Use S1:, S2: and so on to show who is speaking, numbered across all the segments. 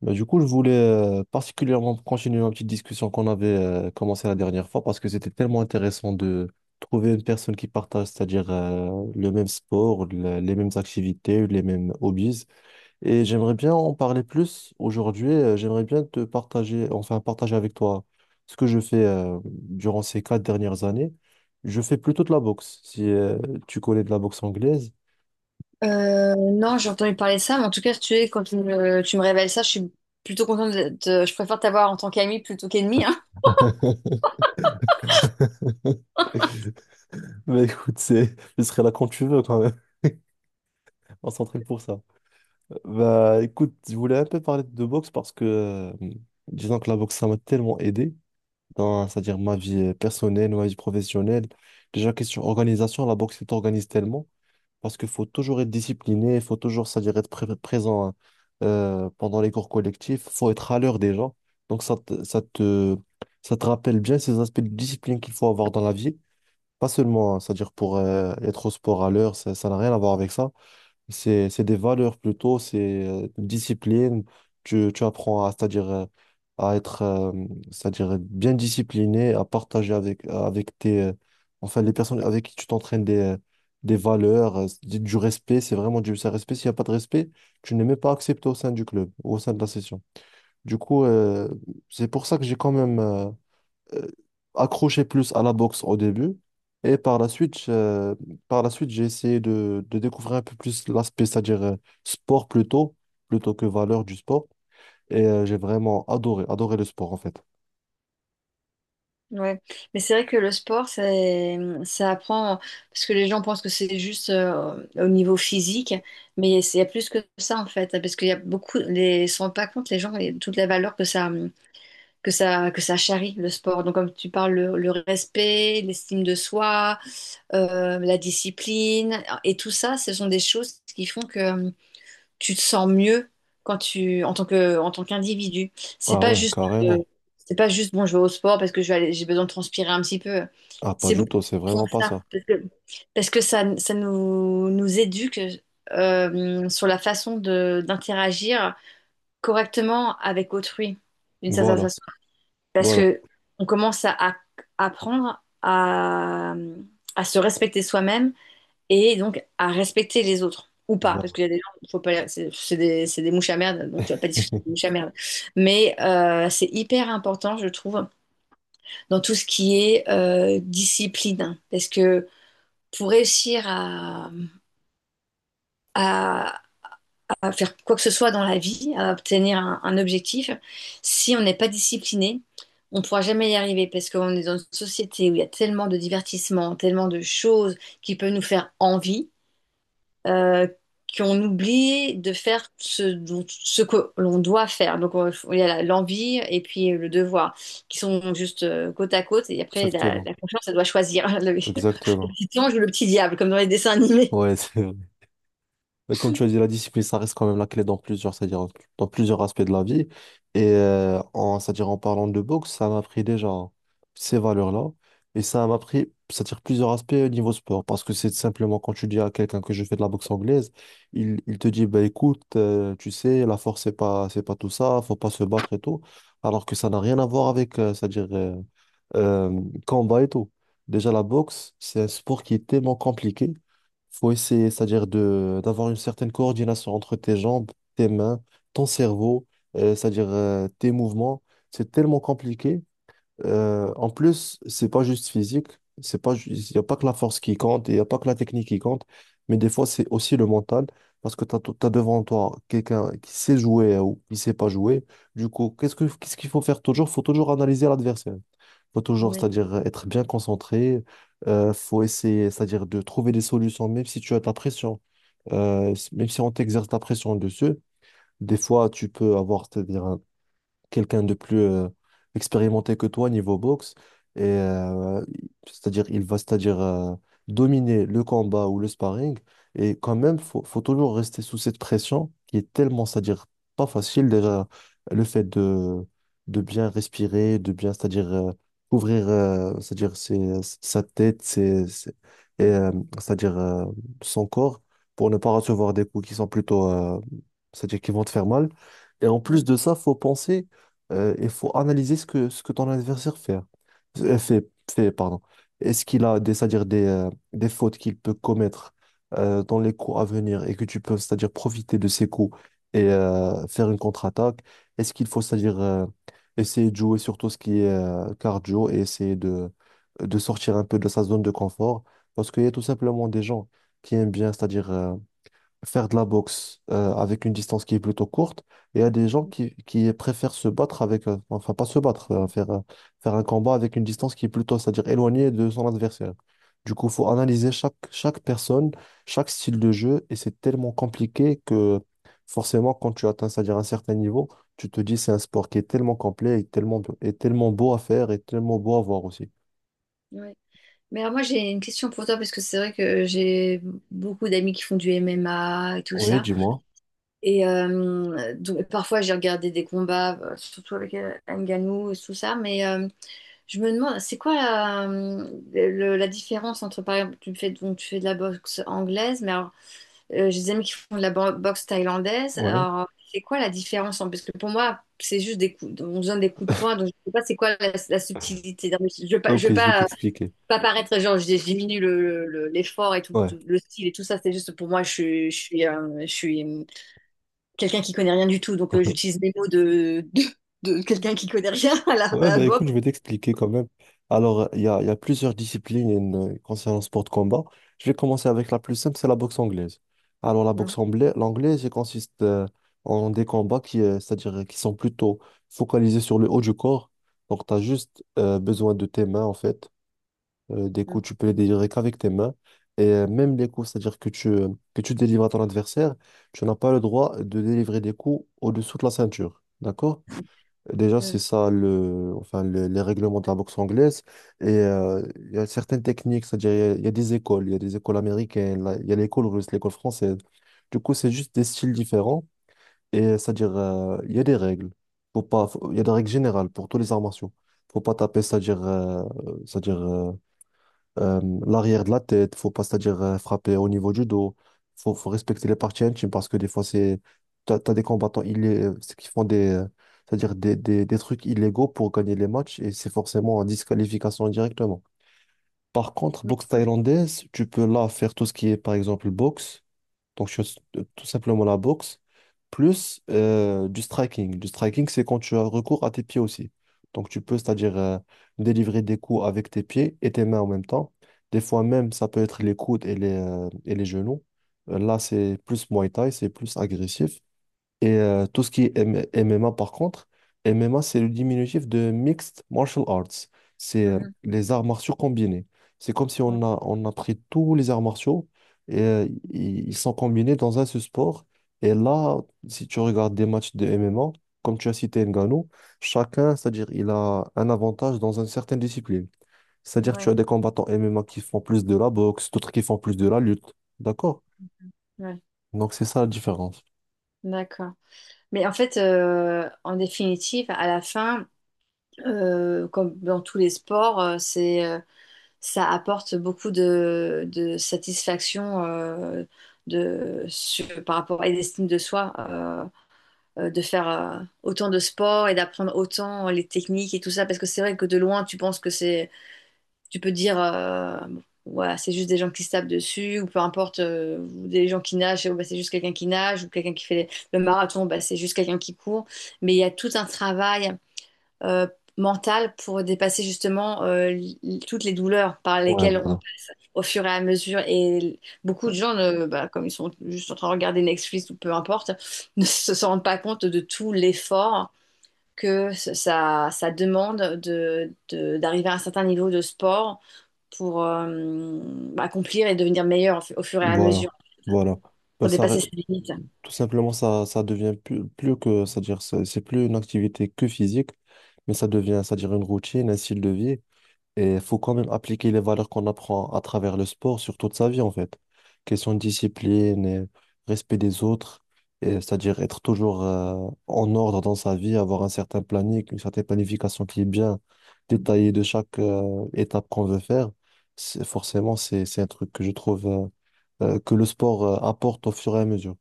S1: Bah, du coup, je voulais particulièrement continuer ma petite discussion qu'on avait commencée la dernière fois parce que c'était tellement intéressant de trouver une personne qui partage, c'est-à-dire le même sport, les mêmes activités, les mêmes hobbies. Et j'aimerais bien en parler plus aujourd'hui. J'aimerais bien te partager, enfin partager avec toi ce que je fais durant ces quatre dernières années. Je fais plutôt de la boxe, si tu connais de la boxe anglaise.
S2: Non, j'ai entendu parler de ça, mais en tout cas, si tu es, quand tu me révèles ça, je suis plutôt contente je préfère t'avoir en tant qu'ami plutôt qu'ennemi, hein.
S1: Bah écoute, je serai là quand tu veux quand même. On s'entraîne pour ça. Bah écoute, je voulais un peu parler de boxe parce que disons que la boxe, ça m'a tellement aidé dans, c'est-à-dire ma vie personnelle, ma vie professionnelle. Déjà, question organisation, la boxe, elle t'organise tellement parce qu'il faut toujours être discipliné, il faut toujours, c'est-à-dire être présent pendant les cours collectifs, il faut être à l'heure déjà. Donc ça te rappelle bien ces aspects de discipline qu'il faut avoir dans la vie. Pas seulement, hein, c'est-à-dire pour être au sport à l'heure, ça n'a rien à voir avec ça. C'est des valeurs plutôt, c'est une discipline. Tu apprends à, c'est-à-dire à être, c'est-à-dire bien discipliné, à partager avec tes, enfin les personnes avec qui tu t'entraînes des valeurs, du respect. C'est vraiment du c'est un respect. S'il n'y a pas de respect, tu n'es même pas accepté au sein du club, au sein de la session. Du coup, c'est pour ça que j'ai quand même, euh, accroché plus à la boxe au début. Et par la suite, j'ai essayé de découvrir un peu plus l'aspect, c'est-à-dire sport plutôt, plutôt que valeur du sport. Et j'ai vraiment adoré le sport en fait.
S2: Ouais. Mais c'est vrai que ça apprend, parce que les gens pensent que c'est juste au niveau physique, mais il y a plus que ça, en fait, parce qu'il y a beaucoup, les, ils se rendent pas compte, les gens, et toute la valeur que ça charrie, le sport. Donc, comme tu parles, le respect, l'estime de soi, la discipline, et tout ça, ce sont des choses qui font que tu te sens mieux quand tu en tant que en tant qu'individu. C'est
S1: Ah
S2: pas
S1: ouais,
S2: juste euh,
S1: carrément.
S2: c'est pas juste bon, je vais au sport parce que j'ai besoin de transpirer un petit peu.
S1: Ah, pas
S2: C'est
S1: du
S2: beaucoup plus
S1: tout, c'est
S2: profond
S1: vraiment
S2: que
S1: pas
S2: ça
S1: ça.
S2: parce que ça nous éduque sur la façon de d'interagir correctement avec autrui d'une certaine
S1: Voilà,
S2: façon parce
S1: voilà,
S2: que on commence apprendre à se respecter soi-même et donc à respecter les autres ou pas, parce
S1: voilà.
S2: qu'il y a des gens, faut pas, c'est des mouches à merde, donc tu vas pas discuter des mouches à merde. Mais c'est hyper important, je trouve, dans tout ce qui est discipline, parce que pour réussir à- à faire quoi que ce soit dans la vie, à obtenir un objectif, si on n'est pas discipliné, on ne pourra jamais y arriver, parce qu'on est dans une société où il y a tellement de divertissements, tellement de choses qui peuvent nous faire envie, euh, qu'on oublie de faire ce, dont- ce que l'on doit faire. Donc, il y a l'envie et puis le devoir, qui sont juste côte à côte. Et après,
S1: Exactement,
S2: la conscience, elle doit choisir le
S1: exactement.
S2: petit ange ou le petit diable, comme dans les dessins animés.
S1: Ouais, c'est mais comme tu as dit, la discipline, ça reste quand même la clé dans plusieurs, c'est-à-dire dans plusieurs aspects de la vie. Et en, c'est-à-dire en parlant de boxe, ça m'a pris déjà ces valeurs-là. Et ça m'a pris, c'est-à-dire plusieurs aspects au niveau sport. Parce que c'est simplement quand tu dis à quelqu'un que je fais de la boxe anglaise, il te dit, bah, écoute, tu sais, la force, c'est pas tout ça, faut pas se battre et tout. Alors que ça n'a rien à voir avec, c'est-à-dire euh, combat et tout. Déjà, la boxe, c'est un sport qui est tellement compliqué faut essayer, c'est-à-dire de d'avoir une certaine coordination entre tes jambes, tes mains, ton cerveau, c'est-à-dire tes mouvements. C'est tellement compliqué. En plus, c'est pas juste physique, c'est pas il n'y a pas que la force qui compte, il n'y a pas que la technique qui compte, mais des fois c'est aussi le mental parce que tu as, devant toi quelqu'un qui sait jouer ou qui sait pas jouer. Du coup, qu'est-ce qu'il faut faire toujours? Faut toujours analyser l'adversaire. Faut toujours,
S2: Ouais,
S1: c'est-à-dire être bien concentré. Faut essayer, c'est-à-dire de trouver des solutions, même si tu as de la pression. Même si on t'exerce de la pression dessus, des fois, tu peux avoir, c'est-à-dire quelqu'un de plus expérimenté que toi niveau boxe. Et c'est-à-dire, il va c'est-à-dire dominer le combat ou le sparring. Et quand même, faut toujours rester sous cette pression qui est tellement, c'est-à-dire pas facile. Déjà, le fait de bien respirer, de bien, c'est-à-dire couvrir, c'est-à-dire sa tête, et c'est-à-dire son corps pour ne pas recevoir des coups qui sont plutôt, c'est-à-dire qui vont te faire mal. Et en plus
S2: ouais,
S1: de ça, faut penser il faut analyser ce que ton adversaire fait, hein. Pardon. Est-ce qu'il a des, c'est-à-dire des fautes qu'il peut commettre dans les coups à venir et que tu peux, c'est-à-dire profiter de ces coups et faire une contre-attaque? Est-ce qu'il faut, c'est-à-dire essayer de jouer surtout ce qui est cardio et essayer de sortir un peu de sa zone de confort? Parce qu'il y a tout simplement des gens qui aiment bien, c'est-à-dire faire de la boxe avec une distance qui est plutôt courte. Et il y a des gens qui préfèrent se battre avec, enfin pas se battre, faire, faire un combat avec une distance qui est plutôt, c'est-à-dire éloignée de son adversaire. Du coup, il faut analyser chaque personne, chaque style de jeu, et c'est tellement compliqué que forcément, quand tu atteins, c'est-à-dire un certain niveau, tu te dis c'est un sport qui est tellement complet et tellement beau à faire et tellement beau à voir aussi.
S2: ouais. Mais alors moi j'ai une question pour toi, parce que c'est vrai que j'ai beaucoup d'amis qui font du MMA et tout
S1: Oui,
S2: ça.
S1: dis-moi.
S2: Et donc, parfois j'ai regardé des combats, surtout avec Ngannou et tout ça, mais je me demande, c'est quoi la différence entre, par exemple, tu fais de la boxe anglaise, mais alors, j'ai des amis qui font de la boxe thaïlandaise.
S1: Ouais.
S2: Alors, c'est quoi la différence, hein? Parce que pour moi, c'est juste des coups, on donne des coups de poing, donc je sais pas c'est quoi la subtilité. Non, mais je veux pas,
S1: Ok, je vais t'expliquer.
S2: pas paraître, genre, je diminue l'effort et tout,
S1: Ouais.
S2: le style et tout ça. C'est juste pour moi, je, suis- je suis, je suis quelqu'un qui connaît rien du tout, donc j'utilise les mots de quelqu'un qui connaît rien à à
S1: Ouais,
S2: la
S1: bah
S2: boxe.
S1: écoute, je vais t'expliquer quand même. Alors, il y a plusieurs disciplines concernant le sport de combat. Je vais commencer avec la plus simple, c'est la boxe anglaise. Alors, la boxe
S2: Mm,
S1: anglaise, l'anglaise, elle consiste en des combats qui, c'est-à-dire qui sont plutôt focalisés sur le haut du corps. Donc, tu as juste besoin de tes mains, en fait. Des coups, tu peux les délivrer qu'avec tes mains. Et même les coups, c'est-à-dire que que tu délivres à ton adversaire, tu n'as pas le droit de délivrer des coups au-dessous de la ceinture. D'accord? Déjà, c'est
S2: mm,
S1: ça le, enfin, les règlements de la boxe anglaise. Et il y a certaines techniques, c'est-à-dire il y a des écoles, il y a des écoles américaines, là, il y a l'école russe, l'école française. Du coup, c'est juste des styles différents. Et c'est-à-dire, il y a des règles. Faut pas, faut- Il y a des règles générales pour tous les arts martiaux. Faut pas taper, c'est-à-dire, c'est-à-dire euh, l'arrière de la tête, faut pas, c'est-à-dire frapper au niveau du dos. Faut respecter les parties intimes parce que des fois, t'as des combattants c'est qui font des, c'est-à-dire des trucs illégaux pour gagner les matchs et c'est forcément en disqualification directement. Par contre, boxe
S2: mm.
S1: thaïlandaise, tu peux là faire tout ce qui est, par exemple, boxe. Donc, je fais tout simplement la boxe, plus du striking. Du striking, c'est quand tu as recours à tes pieds aussi. Donc, tu peux, c'est-à-dire, délivrer des coups avec tes pieds et tes mains en même temps. Des fois même, ça peut être les coudes et et les genoux. Là, c'est plus Muay Thai, c'est plus agressif. Et tout ce qui est MMA, par contre, MMA, c'est le diminutif de Mixed Martial Arts. C'est
S2: Mhm.
S1: les arts martiaux combinés. C'est comme si
S2: Ouais,
S1: on a pris tous les arts martiaux et ils sont combinés dans un seul sport. Et là, si tu regardes des matchs de MMA, comme tu as cité Ngannou, chacun, c'est-à-dire, il a un avantage dans une certaine discipline. C'est-à-dire, tu
S2: ouais,
S1: as des combattants MMA qui font plus de la boxe, d'autres qui font plus de la lutte. D'accord?
S2: ouais.
S1: Donc, c'est ça la différence.
S2: D'accord. Mais en fait, en définitive, à la fin, comme dans tous les sports, ça apporte beaucoup de satisfaction, par rapport à l'estime de soi, de faire autant de sport et d'apprendre autant les techniques et tout ça, parce que c'est vrai que de loin, tu penses que c'est... Tu peux dire, bon, voilà, c'est juste des gens qui se tapent dessus, ou peu importe, ou des gens qui nagent, bah, c'est juste quelqu'un qui nage, ou quelqu'un qui fait le marathon, bah, c'est juste quelqu'un qui court. Mais il y a tout un travail euh, mental pour dépasser justement toutes les douleurs par
S1: Ouais,
S2: lesquelles on
S1: voilà.
S2: passe au fur et à mesure. Et beaucoup de gens, bah, comme ils sont juste en train de regarder Netflix ou peu importe, ne se rendent pas compte de tout l'effort ça demande d'arriver à un certain niveau de sport pour accomplir et devenir meilleur au au fur et à
S1: Voilà,
S2: mesure,
S1: voilà. Bah,
S2: pour
S1: ça,
S2: dépasser ses limites.
S1: tout simplement, ça devient plus, plus que, c'est-à-dire, c'est plus une activité que physique, mais ça devient, c'est-à-dire, une routine, un style de vie. Et il faut quand même appliquer les valeurs qu'on apprend à travers le sport sur toute sa vie, en fait. Question de discipline, et respect des autres, et c'est-à-dire être toujours en ordre dans sa vie, avoir un certain planning, une certaine planification qui est bien détaillée de chaque étape qu'on veut faire. Forcément, c'est un truc que je trouve. Que le sport apporte au fur et à mesure.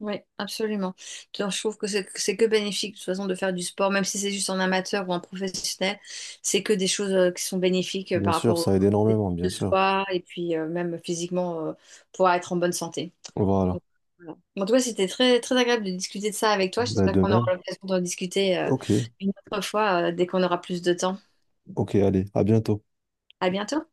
S2: Oui, absolument. Donc, je trouve que c'est que bénéfique de toute façon de faire du sport, même si c'est juste en amateur ou en professionnel, c'est que des choses qui sont bénéfiques
S1: Bien
S2: par
S1: sûr,
S2: rapport
S1: ça aide
S2: au
S1: énormément, bien
S2: de
S1: sûr.
S2: soi, et puis même physiquement, pour être en bonne santé.
S1: Voilà.
S2: Donc, voilà. En tout cas, c'était très, très agréable de discuter de ça avec toi.
S1: Ben,
S2: J'espère
S1: de
S2: qu'on
S1: même.
S2: aura l'occasion d'en discuter
S1: Ok,
S2: une autre fois, dès qu'on aura plus de temps.
S1: ok, allez, à bientôt.
S2: À bientôt.